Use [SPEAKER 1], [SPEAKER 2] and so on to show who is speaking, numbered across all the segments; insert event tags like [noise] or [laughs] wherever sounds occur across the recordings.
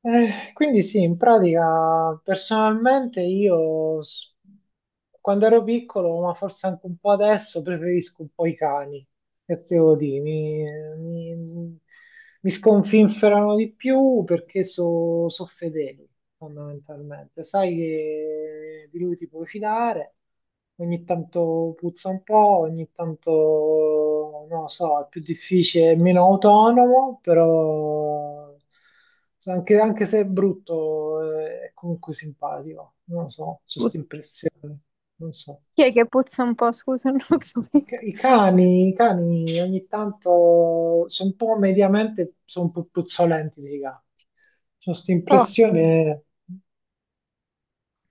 [SPEAKER 1] Quindi sì, in pratica personalmente quando ero piccolo, ma forse anche un po' adesso, preferisco un po' i cani, che te devo dire, mi- mi sconfinferano di più perché sono fedeli fondamentalmente. Sai che di lui ti puoi fidare, ogni tanto puzza un po', ogni tanto, non lo so, è più difficile, è meno autonomo, però anche se è brutto, è comunque simpatico, non lo so, ho questa
[SPEAKER 2] Put-
[SPEAKER 1] impressione, non so.
[SPEAKER 2] Chi è che puzza un po'? Scusa, [laughs] non ho capito.
[SPEAKER 1] I cani ogni tanto sono un po' mediamente, sono un po' puzzolenti dei gatti. Ho questa
[SPEAKER 2] Oh,
[SPEAKER 1] impressione,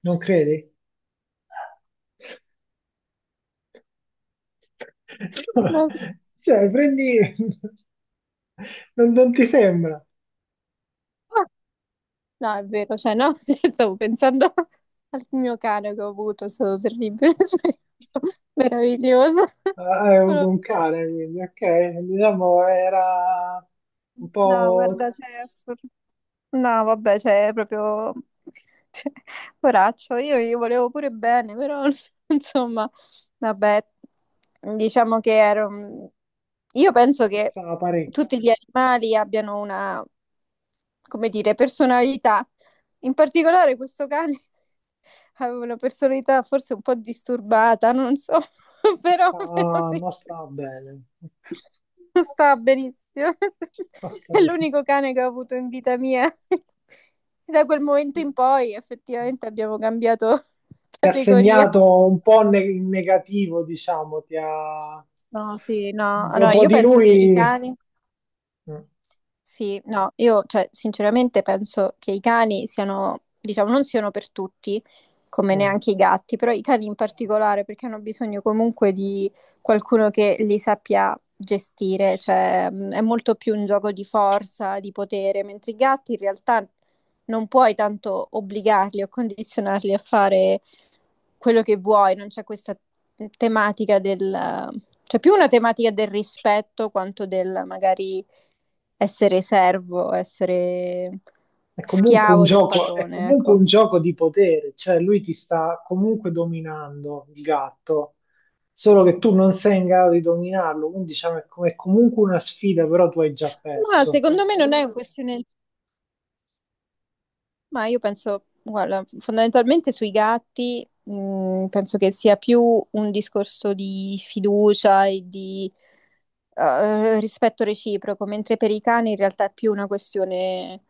[SPEAKER 1] non credi? [laughs]
[SPEAKER 2] no,
[SPEAKER 1] Cioè, prendi... Non ti sembra?
[SPEAKER 2] no, è vero, cioè, no, [laughs] stavo pensando al mio cane che ho avuto, è stato terribile, [laughs] cioè, meraviglioso.
[SPEAKER 1] Ah, hai avuto un cane, quindi, ok. Diciamo era un
[SPEAKER 2] No, [laughs]
[SPEAKER 1] po'...
[SPEAKER 2] guarda, cioè, è assurdo. No, vabbè, cioè, è proprio [laughs] cioè, poraccio, io gli volevo pure bene, però [laughs] insomma, vabbè, diciamo che ero... Io penso che
[SPEAKER 1] stava parecchio,
[SPEAKER 2] tutti gli animali abbiano una, come dire, personalità. In particolare questo cane [laughs] aveva una personalità forse un po' disturbata, non so, [laughs] però
[SPEAKER 1] non
[SPEAKER 2] veramente...
[SPEAKER 1] stava bene.
[SPEAKER 2] Sta benissimo.
[SPEAKER 1] Ho
[SPEAKER 2] [laughs] È
[SPEAKER 1] capito.
[SPEAKER 2] l'unico cane che ho avuto in vita mia. [laughs] E da quel momento in poi effettivamente abbiamo cambiato [laughs]
[SPEAKER 1] Ti ha
[SPEAKER 2] categoria.
[SPEAKER 1] segnato un po' in negativo, diciamo, ti ha...
[SPEAKER 2] No, sì, no. Allora,
[SPEAKER 1] Dopo
[SPEAKER 2] io
[SPEAKER 1] di
[SPEAKER 2] penso che i
[SPEAKER 1] lui...
[SPEAKER 2] cani.
[SPEAKER 1] Mm,
[SPEAKER 2] Sì, no, io cioè, sinceramente penso che i cani siano, diciamo, non siano per tutti, come
[SPEAKER 1] mm.
[SPEAKER 2] neanche i gatti, però i cani in particolare perché hanno bisogno comunque di qualcuno che li sappia gestire, cioè è molto più un gioco di forza, di potere, mentre i gatti in realtà non puoi tanto obbligarli o condizionarli a fare quello che vuoi, non c'è questa tematica del... C'è più una tematica del rispetto quanto del magari essere servo, essere
[SPEAKER 1] È comunque un
[SPEAKER 2] schiavo del
[SPEAKER 1] gioco, è
[SPEAKER 2] padrone,
[SPEAKER 1] comunque
[SPEAKER 2] ecco.
[SPEAKER 1] un gioco di potere, cioè lui ti sta comunque dominando, il gatto, solo che tu non sei in grado di dominarlo, quindi diciamo è comunque una sfida, però tu hai già
[SPEAKER 2] Ma
[SPEAKER 1] perso.
[SPEAKER 2] secondo me non è una questione. Ma io penso, guarda, fondamentalmente sui gatti, penso che sia più un discorso di fiducia e di rispetto reciproco, mentre per i cani in realtà è più una questione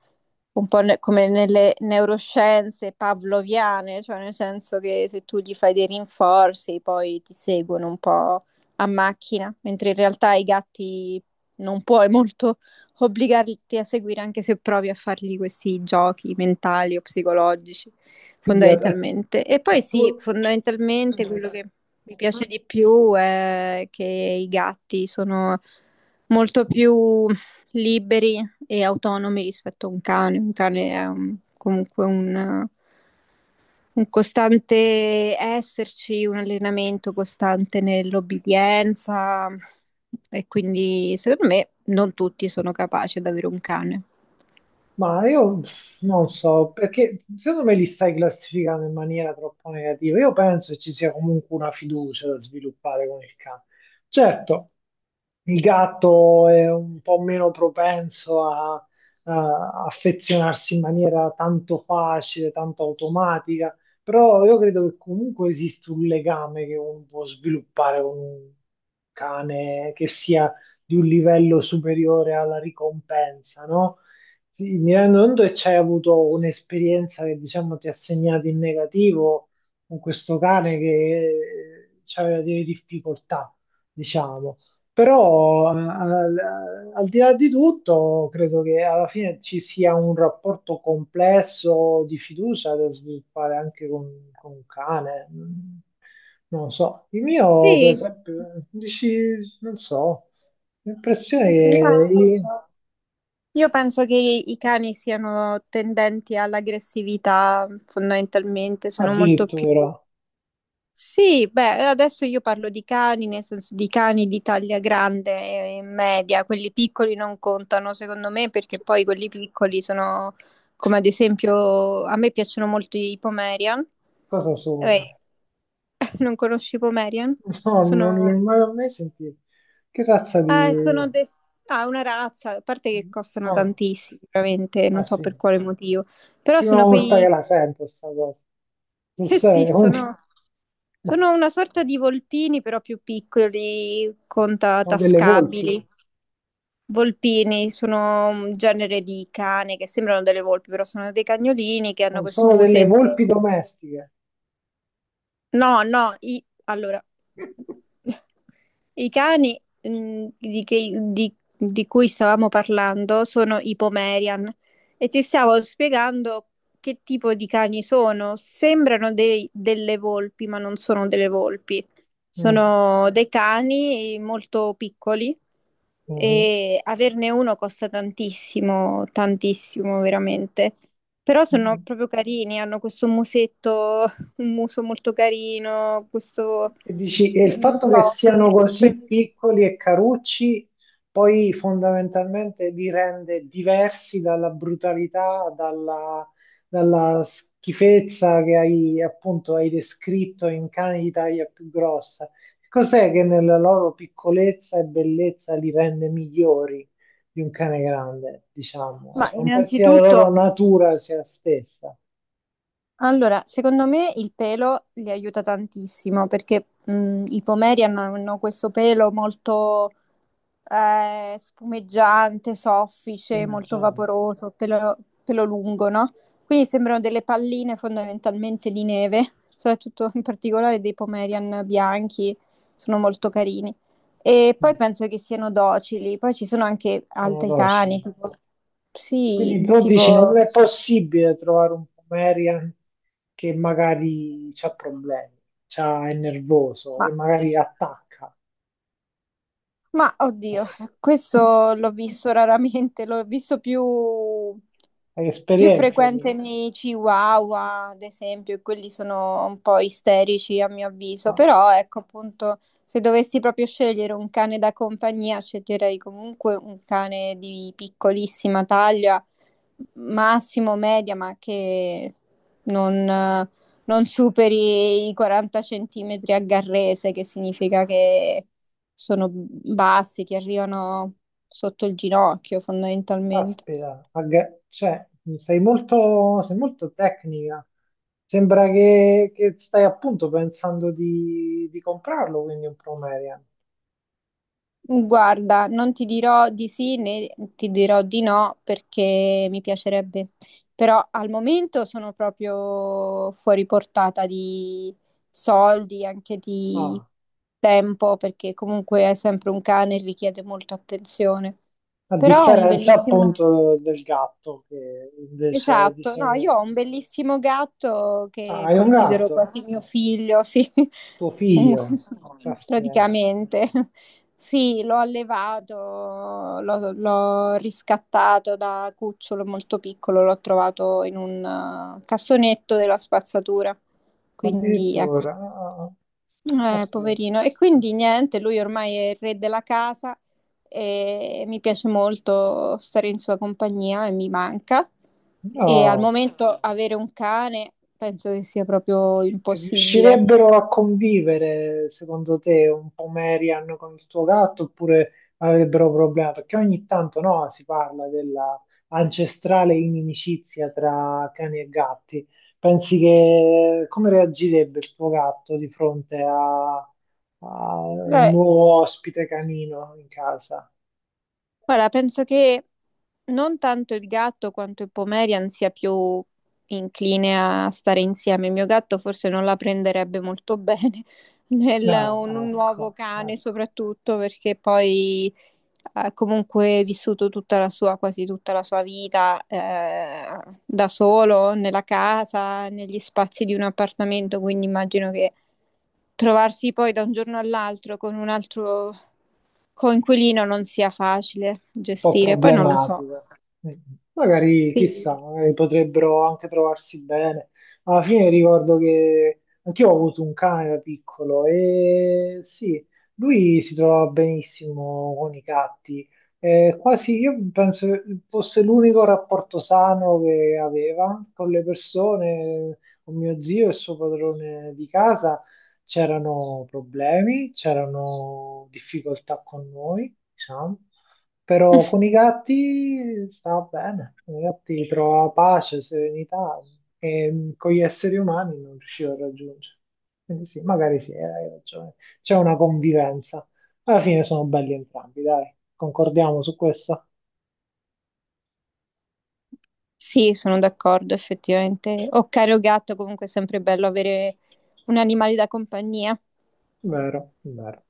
[SPEAKER 2] un po' come nelle neuroscienze pavloviane, cioè nel senso che se tu gli fai dei rinforzi poi ti seguono un po' a macchina, mentre in realtà i gatti non puoi molto obbligarti a seguire anche se provi a fargli questi giochi mentali o psicologici,
[SPEAKER 1] Quindi
[SPEAKER 2] fondamentalmente. E
[SPEAKER 1] a
[SPEAKER 2] poi sì,
[SPEAKER 1] tuo-
[SPEAKER 2] fondamentalmente quello che mi piace di più è che i gatti sono molto più liberi e autonomi rispetto a un cane. Un cane è comunque un costante esserci, un allenamento costante nell'obbedienza e quindi secondo me non tutti sono capaci ad avere un cane.
[SPEAKER 1] Ma io non so, perché secondo me li stai classificando in maniera troppo negativa. Io penso che ci sia comunque una fiducia da sviluppare con il cane. Certo, il gatto è un po' meno propenso a affezionarsi in maniera tanto facile, tanto automatica, però io credo che comunque esista un legame che uno può sviluppare con un cane che sia di un livello superiore alla ricompensa, no? Sì, mi rendo conto che c'hai avuto un'esperienza che diciamo ti ha segnato in negativo con questo cane che aveva delle difficoltà, diciamo. Però al di là di tutto, credo che alla fine ci sia un rapporto complesso di fiducia da sviluppare anche con un cane. Mm, non lo so, il mio, per
[SPEAKER 2] Sì,
[SPEAKER 1] esempio, dici, non so, l'impressione
[SPEAKER 2] no,
[SPEAKER 1] che
[SPEAKER 2] non lo so. Io penso che i cani siano tendenti all'aggressività, fondamentalmente, sono molto più.
[SPEAKER 1] addirittura,
[SPEAKER 2] Sì, beh, adesso io parlo di cani, nel senso di cani di taglia grande e media, quelli piccoli non contano secondo me perché poi quelli piccoli sono come ad esempio a me piacciono molto i Pomerian.
[SPEAKER 1] cosa sono?
[SPEAKER 2] Eh, [laughs] non conosci i Pomerian?
[SPEAKER 1] [laughs] No, non li ho
[SPEAKER 2] Sono,
[SPEAKER 1] mai, mai sentiti. Che razza di...
[SPEAKER 2] eh, sono de- ah, una razza, a parte che costano
[SPEAKER 1] Ah,
[SPEAKER 2] tantissimo, veramente, non
[SPEAKER 1] ah
[SPEAKER 2] so
[SPEAKER 1] sì,
[SPEAKER 2] per quale motivo, però
[SPEAKER 1] prima
[SPEAKER 2] sono
[SPEAKER 1] volta che
[SPEAKER 2] quei,
[SPEAKER 1] la sento sta cosa. Tu
[SPEAKER 2] [laughs] eh sì,
[SPEAKER 1] sei? Un... [laughs]
[SPEAKER 2] sono...
[SPEAKER 1] No,
[SPEAKER 2] Sono una sorta di volpini, però più piccoli, con
[SPEAKER 1] sono delle volpi,
[SPEAKER 2] tascabili. Volpini sono un genere di cane che sembrano delle volpi, però sono dei cagnolini che hanno
[SPEAKER 1] non
[SPEAKER 2] questo
[SPEAKER 1] sono delle volpi
[SPEAKER 2] musetto.
[SPEAKER 1] domestiche.
[SPEAKER 2] No, no, allora,
[SPEAKER 1] [laughs]
[SPEAKER 2] i cani di cui stavamo parlando sono i Pomerian e ti stavo spiegando che tipo di cani sono. Sembrano delle volpi, ma non sono delle volpi.
[SPEAKER 1] Mm,
[SPEAKER 2] Sono dei cani molto piccoli
[SPEAKER 1] mhm,
[SPEAKER 2] e averne uno costa tantissimo, tantissimo veramente. Però sono
[SPEAKER 1] mhm.
[SPEAKER 2] proprio carini, hanno questo musetto, un muso molto carino, questo,
[SPEAKER 1] E dici, e il
[SPEAKER 2] non
[SPEAKER 1] fatto che
[SPEAKER 2] so, sono
[SPEAKER 1] siano
[SPEAKER 2] molto
[SPEAKER 1] così
[SPEAKER 2] espressivi.
[SPEAKER 1] piccoli e carucci poi fondamentalmente li rende diversi dalla brutalità, dalla schifezza che hai appunto hai descritto in cani di taglia più grossa. Cos'è che nella loro piccolezza e bellezza li rende migliori di un cane grande, diciamo?
[SPEAKER 2] Ma
[SPEAKER 1] Ecco, un pezzo della loro
[SPEAKER 2] innanzitutto,
[SPEAKER 1] natura sia stessa,
[SPEAKER 2] allora, secondo me il pelo li aiuta tantissimo perché i pomeri hanno questo pelo molto spumeggiante, soffice,
[SPEAKER 1] come
[SPEAKER 2] molto
[SPEAKER 1] Gian.
[SPEAKER 2] vaporoso, pelo, pelo lungo, no? Quindi sembrano delle palline fondamentalmente di neve, soprattutto in particolare dei pomerian bianchi, sono molto carini. E poi penso che siano docili, poi ci sono anche
[SPEAKER 1] Sono
[SPEAKER 2] altri
[SPEAKER 1] docili.
[SPEAKER 2] cani, tipo,
[SPEAKER 1] Quindi
[SPEAKER 2] sì,
[SPEAKER 1] tu dici non
[SPEAKER 2] tipo,
[SPEAKER 1] è possibile trovare un Pomerian che magari ha problemi, è nervoso
[SPEAKER 2] ma
[SPEAKER 1] e magari attacca.
[SPEAKER 2] Ma oddio,
[SPEAKER 1] [laughs]
[SPEAKER 2] questo l'ho visto raramente, l'ho visto più,
[SPEAKER 1] Hai
[SPEAKER 2] più
[SPEAKER 1] esperienza, quindi.
[SPEAKER 2] frequente nei Chihuahua, ad esempio, e quelli sono un po' isterici a mio avviso,
[SPEAKER 1] No,
[SPEAKER 2] però ecco appunto, se dovessi proprio scegliere un cane da compagnia, sceglierei comunque un cane di piccolissima taglia, massimo media, ma che non, non superi i 40 centimetri a garrese, che significa che sono bassi che arrivano sotto il ginocchio fondamentalmente.
[SPEAKER 1] caspita, cioè, sei molto tecnica. Sembra che stai appunto pensando di comprarlo, quindi un Pomerian.
[SPEAKER 2] Guarda, non ti dirò di sì né ti dirò di no perché mi piacerebbe, però al momento sono proprio fuori portata di soldi, anche di
[SPEAKER 1] Ah,
[SPEAKER 2] tempo, perché comunque è sempre un cane e richiede molta attenzione.
[SPEAKER 1] a
[SPEAKER 2] Però ho un
[SPEAKER 1] differenza
[SPEAKER 2] bellissimo...
[SPEAKER 1] appunto del gatto che invece
[SPEAKER 2] Esatto,
[SPEAKER 1] dice...
[SPEAKER 2] no, io ho un bellissimo gatto
[SPEAKER 1] Ah,
[SPEAKER 2] che
[SPEAKER 1] hai un
[SPEAKER 2] considero
[SPEAKER 1] gatto?
[SPEAKER 2] quasi mio figlio, sì,
[SPEAKER 1] Tuo
[SPEAKER 2] [laughs] un,
[SPEAKER 1] figlio, caspita,
[SPEAKER 2] praticamente, [laughs] sì, l'ho allevato, l'ho riscattato da cucciolo molto piccolo, l'ho trovato in un cassonetto della spazzatura. Quindi,
[SPEAKER 1] addirittura,
[SPEAKER 2] ecco,
[SPEAKER 1] ah, ah, caspita,
[SPEAKER 2] poverino. E quindi niente, lui ormai è il re della casa e mi piace molto stare in sua compagnia e mi manca. E al
[SPEAKER 1] no,
[SPEAKER 2] momento avere un cane penso che sia proprio impossibile.
[SPEAKER 1] riuscirebbero a convivere secondo te un po' Marian con il tuo gatto oppure avrebbero problemi? Perché ogni tanto, no, si parla della ancestrale inimicizia tra cani e gatti. Pensi che come reagirebbe il tuo gatto di fronte a un
[SPEAKER 2] Beh,
[SPEAKER 1] nuovo ospite canino in casa?
[SPEAKER 2] guarda, penso che non tanto il gatto quanto il Pomerian sia più incline a stare insieme. Il mio gatto forse non la prenderebbe molto bene [laughs] nel,
[SPEAKER 1] Ah,
[SPEAKER 2] un nuovo
[SPEAKER 1] ecco,
[SPEAKER 2] cane,
[SPEAKER 1] ecco.
[SPEAKER 2] soprattutto perché poi ha comunque vissuto tutta la sua, quasi tutta la sua vita da solo, nella casa, negli spazi di un appartamento, quindi immagino che trovarsi poi da un giorno all'altro con un altro coinquilino non sia facile
[SPEAKER 1] Po'
[SPEAKER 2] gestire. Poi non lo so.
[SPEAKER 1] problematico. Mm. Magari, chissà, magari potrebbero anche trovarsi bene. Alla fine ricordo che anch'io ho avuto un cane da piccolo e sì, lui si trovava benissimo con i gatti. Quasi io penso che fosse l'unico rapporto sano che aveva con le persone, con mio zio e il suo padrone di casa. C'erano problemi, c'erano difficoltà con noi, diciamo. Però con i gatti stava bene, con i gatti trovava pace, serenità e con gli esseri umani non riusciva a raggiungere. Quindi sì, magari sì, hai ragione. C'è una convivenza. Alla fine sono belli entrambi, dai, concordiamo su questo?
[SPEAKER 2] Sì, sono d'accordo, effettivamente. O caro gatto, comunque è sempre bello avere un animale da compagnia.
[SPEAKER 1] Vero, vero.